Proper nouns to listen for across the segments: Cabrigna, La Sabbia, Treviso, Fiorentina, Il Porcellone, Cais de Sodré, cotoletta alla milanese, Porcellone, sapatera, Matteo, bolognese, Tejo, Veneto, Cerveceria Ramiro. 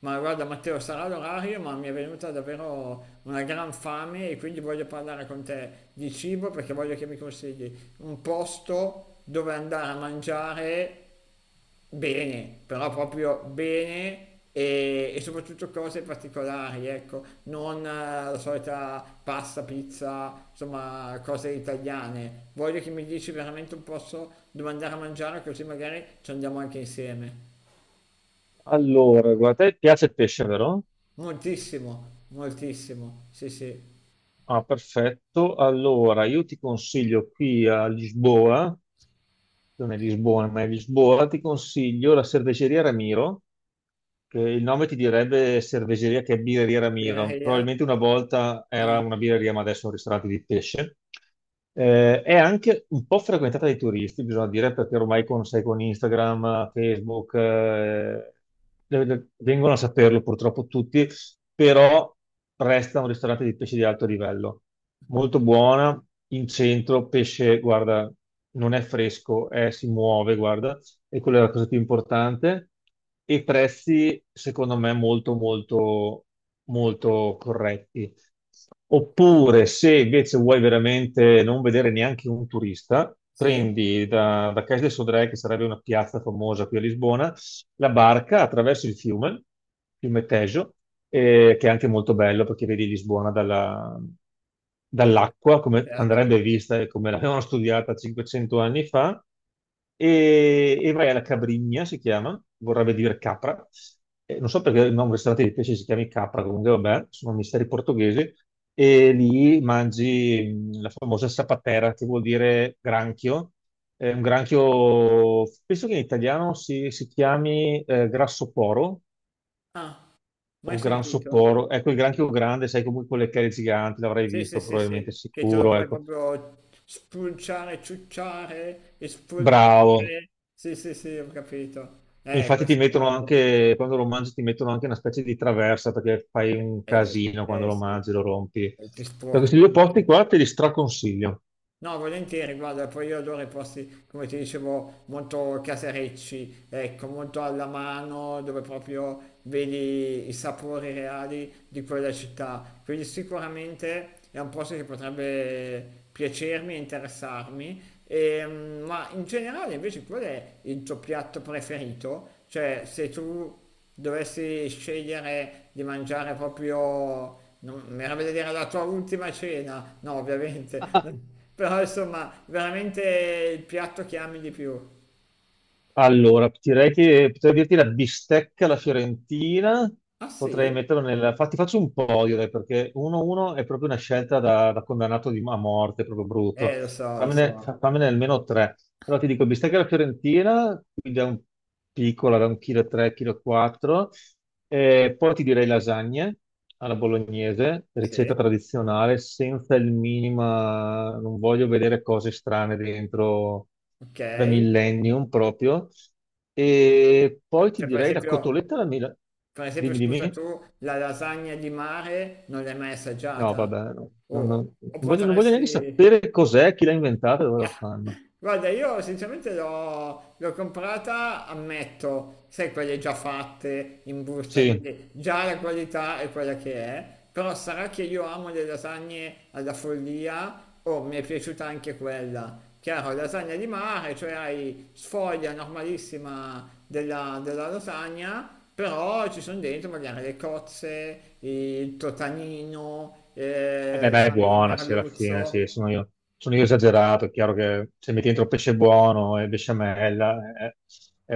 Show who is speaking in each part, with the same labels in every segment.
Speaker 1: Ma guarda Matteo, sarà l'orario, ma mi è venuta davvero una gran fame e quindi voglio parlare con te di cibo perché voglio che mi consigli un posto dove andare a mangiare bene, però proprio bene e soprattutto cose particolari, ecco, non la solita pasta, pizza, insomma, cose italiane. Voglio che mi dici veramente un posto dove andare a mangiare così magari ci andiamo anche insieme.
Speaker 2: Allora, guarda, te piace il pesce, vero?
Speaker 1: Moltissimo, moltissimo. Sì, sì.
Speaker 2: Ah, perfetto. Allora, io ti consiglio qui a Lisboa, non è Lisbona, ma è Lisboa, ti consiglio la cerveceria Ramiro. Il nome ti direbbe Cerveseria che è Birreria Ramiro.
Speaker 1: Birreria?
Speaker 2: Probabilmente una volta era
Speaker 1: Ah,
Speaker 2: una birreria, ma adesso è un ristorante di pesce. È anche un po' frequentata dai turisti, bisogna dire, perché ormai sai, con Instagram, Facebook, vengono a saperlo purtroppo tutti, però resta un ristorante di pesce di alto livello. Molto buona, in centro, pesce, guarda, non è fresco, si muove, guarda, e quella è la cosa più importante, e prezzi secondo me molto molto molto corretti. Oppure se invece vuoi veramente non vedere neanche un turista,
Speaker 1: sì,
Speaker 2: prendi da Cais de Sodré, che sarebbe una piazza famosa qui a Lisbona, la barca attraverso il fiume, fiume Tejo, che è anche molto bello perché vedi Lisbona dall'acqua, come
Speaker 1: certo.
Speaker 2: andrebbe vista e come l'avevano studiata 500 anni fa, e vai alla Cabrigna, si chiama, vorrebbe dire capra. Non so perché il nome ristorante di pesce si chiami capra, comunque vabbè, sono misteri portoghesi, e lì mangi la famosa sapatera, che vuol dire granchio, è un granchio, penso che in italiano si chiami grassoporo
Speaker 1: Ah, mai
Speaker 2: o
Speaker 1: sentito.
Speaker 2: gransoporo. Ecco, il granchio grande, sai comunque quelle chele giganti, l'avrai
Speaker 1: Sì, sì,
Speaker 2: visto
Speaker 1: sì, sì.
Speaker 2: probabilmente
Speaker 1: Che te lo
Speaker 2: sicuro,
Speaker 1: puoi
Speaker 2: ecco.
Speaker 1: proprio spulciare, ciucciare,
Speaker 2: Bravo.
Speaker 1: espolpare. Sì, sì, sì, ho capito.
Speaker 2: Infatti ti
Speaker 1: Queste cose.
Speaker 2: mettono anche, quando lo mangi ti mettono anche una specie di traversa perché fai un
Speaker 1: Beh, sì,
Speaker 2: casino quando lo
Speaker 1: sì.
Speaker 2: mangi, lo rompi.
Speaker 1: E ti
Speaker 2: Da
Speaker 1: sporchi
Speaker 2: questi due
Speaker 1: tutto.
Speaker 2: posti qua te li straconsiglio.
Speaker 1: No, volentieri, guarda, poi io adoro i posti, come ti dicevo, molto caserecci, ecco, molto alla mano, dove proprio vedi i sapori reali di quella città. Quindi sicuramente è un posto che potrebbe piacermi e interessarmi. Ma in generale invece qual è il tuo piatto preferito? Cioè se tu dovessi scegliere di mangiare proprio, non, mi verrebbe da dire la tua ultima cena, no ovviamente, però insomma veramente il piatto che ami di più.
Speaker 2: Allora, direi che potrei dirti la bistecca alla Fiorentina,
Speaker 1: Ah
Speaker 2: potrei
Speaker 1: sì?
Speaker 2: metterlo ti faccio un podio, dai, perché 1-1 è proprio una scelta da condannato a morte, proprio brutto.
Speaker 1: Lo
Speaker 2: Fammene,
Speaker 1: so,
Speaker 2: fammene almeno tre. Allora ti dico bistecca alla Fiorentina, quindi da un chilo e tre, chilo e quattro. Poi ti direi lasagne alla bolognese,
Speaker 1: sì,
Speaker 2: ricetta tradizionale, senza il minima, non voglio vedere cose strane dentro
Speaker 1: ok.
Speaker 2: da millennium proprio. E poi ti
Speaker 1: Cioè
Speaker 2: direi la cotoletta alla mila.
Speaker 1: per esempio
Speaker 2: Dimmi,
Speaker 1: scusa tu,
Speaker 2: dimmi.
Speaker 1: la lasagna di mare non l'hai mai
Speaker 2: No,
Speaker 1: assaggiata?
Speaker 2: vabbè, no, no, no.
Speaker 1: O,
Speaker 2: Non
Speaker 1: o
Speaker 2: voglio, non voglio neanche
Speaker 1: potresti...
Speaker 2: sapere cos'è, chi l'ha inventata e dove la fanno.
Speaker 1: Guarda, io sinceramente l'ho comprata, ammetto, sai, quelle già fatte in busta,
Speaker 2: Sì.
Speaker 1: quindi già la qualità è quella che è, però sarà che io amo le lasagne alla follia, o mi è piaciuta anche quella. Chiaro, lasagna di mare, cioè hai sfoglia normalissima della lasagna, però ci sono dentro magari le cozze, il totanino,
Speaker 2: Eh beh, ma è
Speaker 1: sai, il
Speaker 2: buona, sì, alla fine,
Speaker 1: merluzzo.
Speaker 2: sì, sono io, esagerato, è chiaro che se metti dentro pesce buono e besciamella è,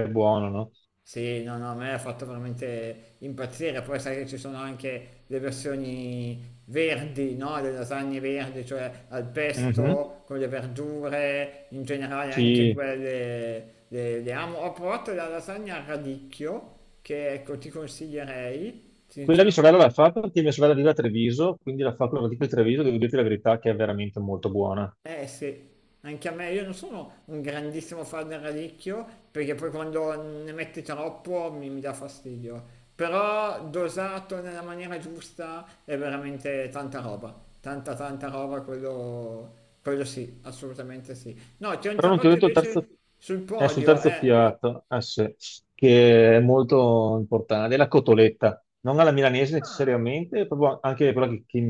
Speaker 2: è buono, no?
Speaker 1: Sì, no, no, a me ha fatto veramente impazzire. Poi sai che ci sono anche le versioni verdi, no? Le lasagne verdi, cioè al
Speaker 2: Mhm.
Speaker 1: pesto, con le verdure, in generale anche
Speaker 2: Sì.
Speaker 1: quelle le amo. Ho provato la lasagna a radicchio, che ecco ti consiglierei.
Speaker 2: Quella di sorella
Speaker 1: Sinceramente
Speaker 2: la fa perché mia sorella vive a Treviso, quindi la fa con la di Treviso, devo dirti la verità che è veramente molto buona.
Speaker 1: eh sì, anche a me, io non sono un grandissimo fan del radicchio, perché poi quando ne metti troppo mi dà fastidio. Però dosato nella maniera giusta è veramente tanta roba, tanta tanta roba, quello sì, assolutamente sì. No, ti ho
Speaker 2: Però non ti ho
Speaker 1: interrotto
Speaker 2: detto il terzo,
Speaker 1: invece sul
Speaker 2: è sul
Speaker 1: podio,
Speaker 2: terzo
Speaker 1: eh.
Speaker 2: piatto, eh sì, che è molto importante, è la cotoletta, non alla milanese
Speaker 1: Ah,
Speaker 2: necessariamente, proprio anche quella che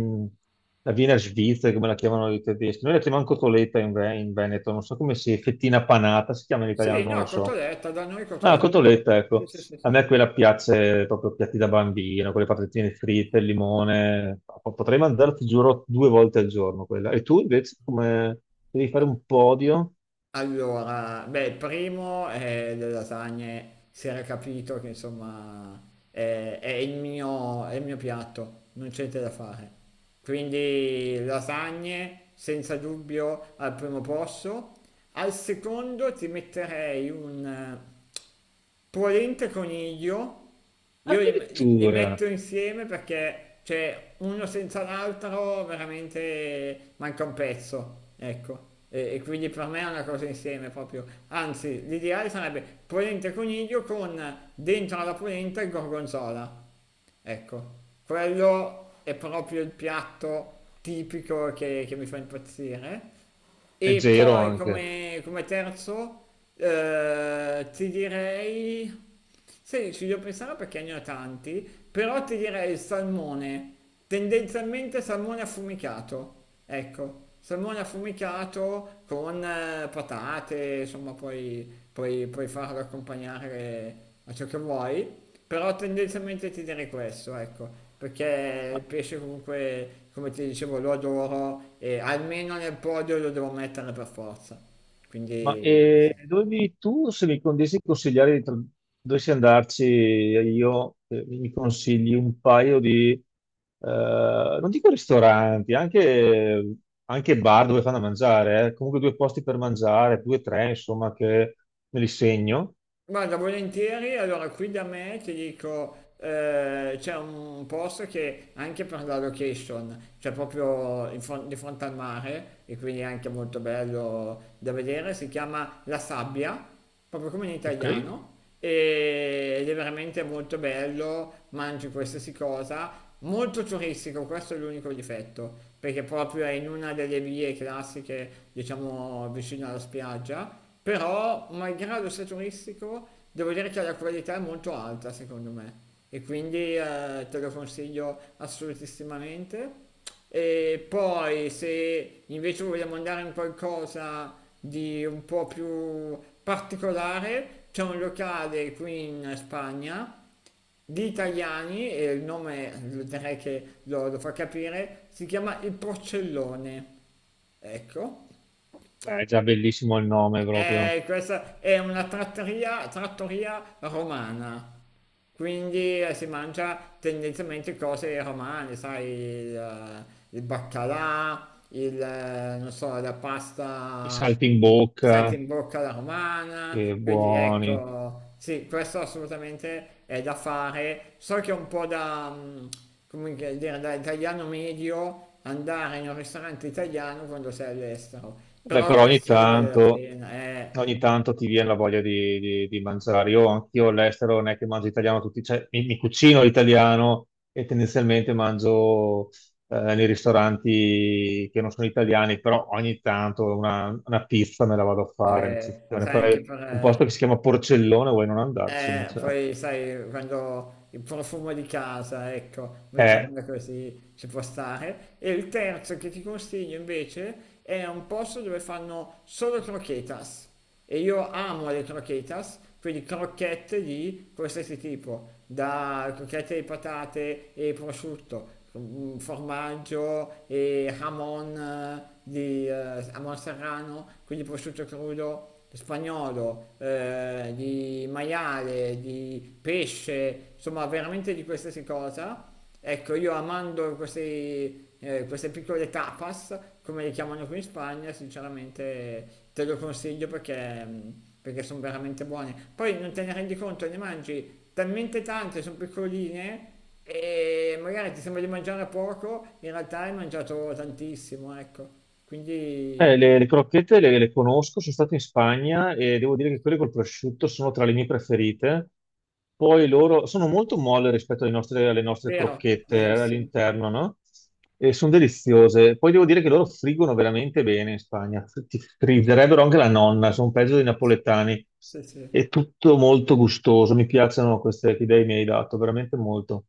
Speaker 2: la viene a Svizzera, come la chiamano i tedeschi. Noi la chiamiamo cotoletta in Veneto, non so come si, fettina panata, si chiama in italiano,
Speaker 1: sì,
Speaker 2: non
Speaker 1: no,
Speaker 2: lo so.
Speaker 1: cotoletta, da noi
Speaker 2: Ah, la
Speaker 1: cotoletta.
Speaker 2: cotoletta,
Speaker 1: Sì,
Speaker 2: ecco,
Speaker 1: sì, sì,
Speaker 2: a
Speaker 1: sì.
Speaker 2: me quella piace proprio piatti da bambino, quelle patatine fritte, il limone, no, potrei mangiare, ti giuro, due volte al giorno quella. E tu invece come devi fare un podio?
Speaker 1: Allora, beh, il primo è le lasagne, si era capito che insomma è il mio, è il mio piatto, non c'è niente da fare, quindi lasagne senza dubbio al primo posto. Al secondo ti metterei un polente coniglio. Io li
Speaker 2: Addirittura,
Speaker 1: metto insieme perché cioè, uno senza l'altro veramente manca un pezzo, ecco. E quindi per me è una cosa insieme proprio. Anzi, l'ideale sarebbe polente coniglio con dentro alla polenta il gorgonzola. Ecco, quello è proprio il piatto tipico che mi fa impazzire. E sì.
Speaker 2: leggero
Speaker 1: Poi
Speaker 2: anche.
Speaker 1: come, come terzo ti direi... Sì, ci devo pensare perché ne ho tanti, però ti direi il salmone, tendenzialmente salmone affumicato. Ecco, salmone affumicato con patate, insomma, poi puoi farlo accompagnare a ciò che vuoi, però tendenzialmente ti direi questo, ecco, perché il
Speaker 2: Ma,
Speaker 1: pesce comunque, come ti dicevo, lo adoro e almeno nel podio lo devo mettere per forza. Quindi sì.
Speaker 2: Dove vivi tu? Se mi condissi consigliare dovessi andarci io, mi consigli un paio di, non dico ristoranti, anche bar dove fanno a mangiare, eh. Comunque due posti per mangiare, due o tre, insomma, che me li segno.
Speaker 1: Guarda, volentieri, allora qui da me ti dico, c'è un posto che anche per la location, cioè proprio in di fronte al mare, e quindi è anche molto bello da vedere, si chiama La Sabbia, proprio come in
Speaker 2: Ok?
Speaker 1: italiano, ed è veramente molto bello, mangi qualsiasi cosa, molto turistico, questo è l'unico difetto, perché proprio è in una delle vie classiche, diciamo, vicino alla spiaggia, però malgrado sia turistico, devo dire che la qualità è molto alta secondo me e quindi te lo consiglio assolutissimamente. E poi se invece vogliamo andare in qualcosa di un po' più particolare, c'è un locale qui in Spagna di italiani, e il nome direi che lo fa capire, si chiama Il Porcellone. Ecco,
Speaker 2: Beh, è già bellissimo il nome proprio.
Speaker 1: questa è una trattoria, trattoria romana, quindi si mangia tendenzialmente cose romane, sai, il baccalà, non so, la
Speaker 2: I
Speaker 1: pasta
Speaker 2: salti in bocca,
Speaker 1: salti in bocca alla romana,
Speaker 2: che
Speaker 1: quindi
Speaker 2: buoni.
Speaker 1: ecco, sì, questo assolutamente è da fare. So che è un po' da, come che dire, da italiano medio andare in un ristorante italiano quando sei all'estero, però
Speaker 2: Beh,
Speaker 1: devo
Speaker 2: però ogni
Speaker 1: questo ne vale la
Speaker 2: tanto.
Speaker 1: immaginare. Pena,
Speaker 2: Ogni tanto ti viene la voglia di mangiare. Io anch'io all'estero non è che mangio italiano tutti, cioè, mi cucino l'italiano e tendenzialmente mangio nei ristoranti che non sono italiani, però ogni tanto una pizza me la vado a fare. In eccezione.
Speaker 1: sai, anche
Speaker 2: Poi
Speaker 1: per...
Speaker 2: un posto che si chiama Porcellone, vuoi non andarci? Cioè,
Speaker 1: Poi sai, quando il profumo di casa, ecco,
Speaker 2: è
Speaker 1: mettiamola così, ci può stare. E il terzo che ti consiglio invece è un posto dove fanno solo croquetas. E io amo le croquetas, quindi crocchette di qualsiasi tipo, da crocchette di patate e prosciutto, formaggio e hamon di hamon serrano, quindi prosciutto crudo spagnolo, di maiale, di pesce, insomma veramente di qualsiasi cosa. Ecco, io amando questi, queste piccole tapas, come le chiamano qui in Spagna, sinceramente te lo consiglio perché, perché sono veramente buone. Poi non te ne rendi conto, ne mangi talmente tante, sono piccoline e magari ti sembra di mangiare poco, in realtà hai mangiato tantissimo, ecco.
Speaker 2: Eh,
Speaker 1: Quindi,
Speaker 2: le, le crocchette le conosco, sono stato in Spagna e devo dire che quelle col prosciutto sono tra le mie preferite. Poi loro sono molto molle rispetto alle nostre
Speaker 1: vero,
Speaker 2: crocchette
Speaker 1: verissimo.
Speaker 2: all'interno, no? E sono deliziose. Poi devo dire che loro friggono veramente bene in Spagna. Ti frigerebbero anche la nonna, sono peggio dei napoletani.
Speaker 1: Sì,
Speaker 2: È
Speaker 1: sì.
Speaker 2: tutto molto gustoso, mi piacciono queste che idee mi hai dato, veramente molto.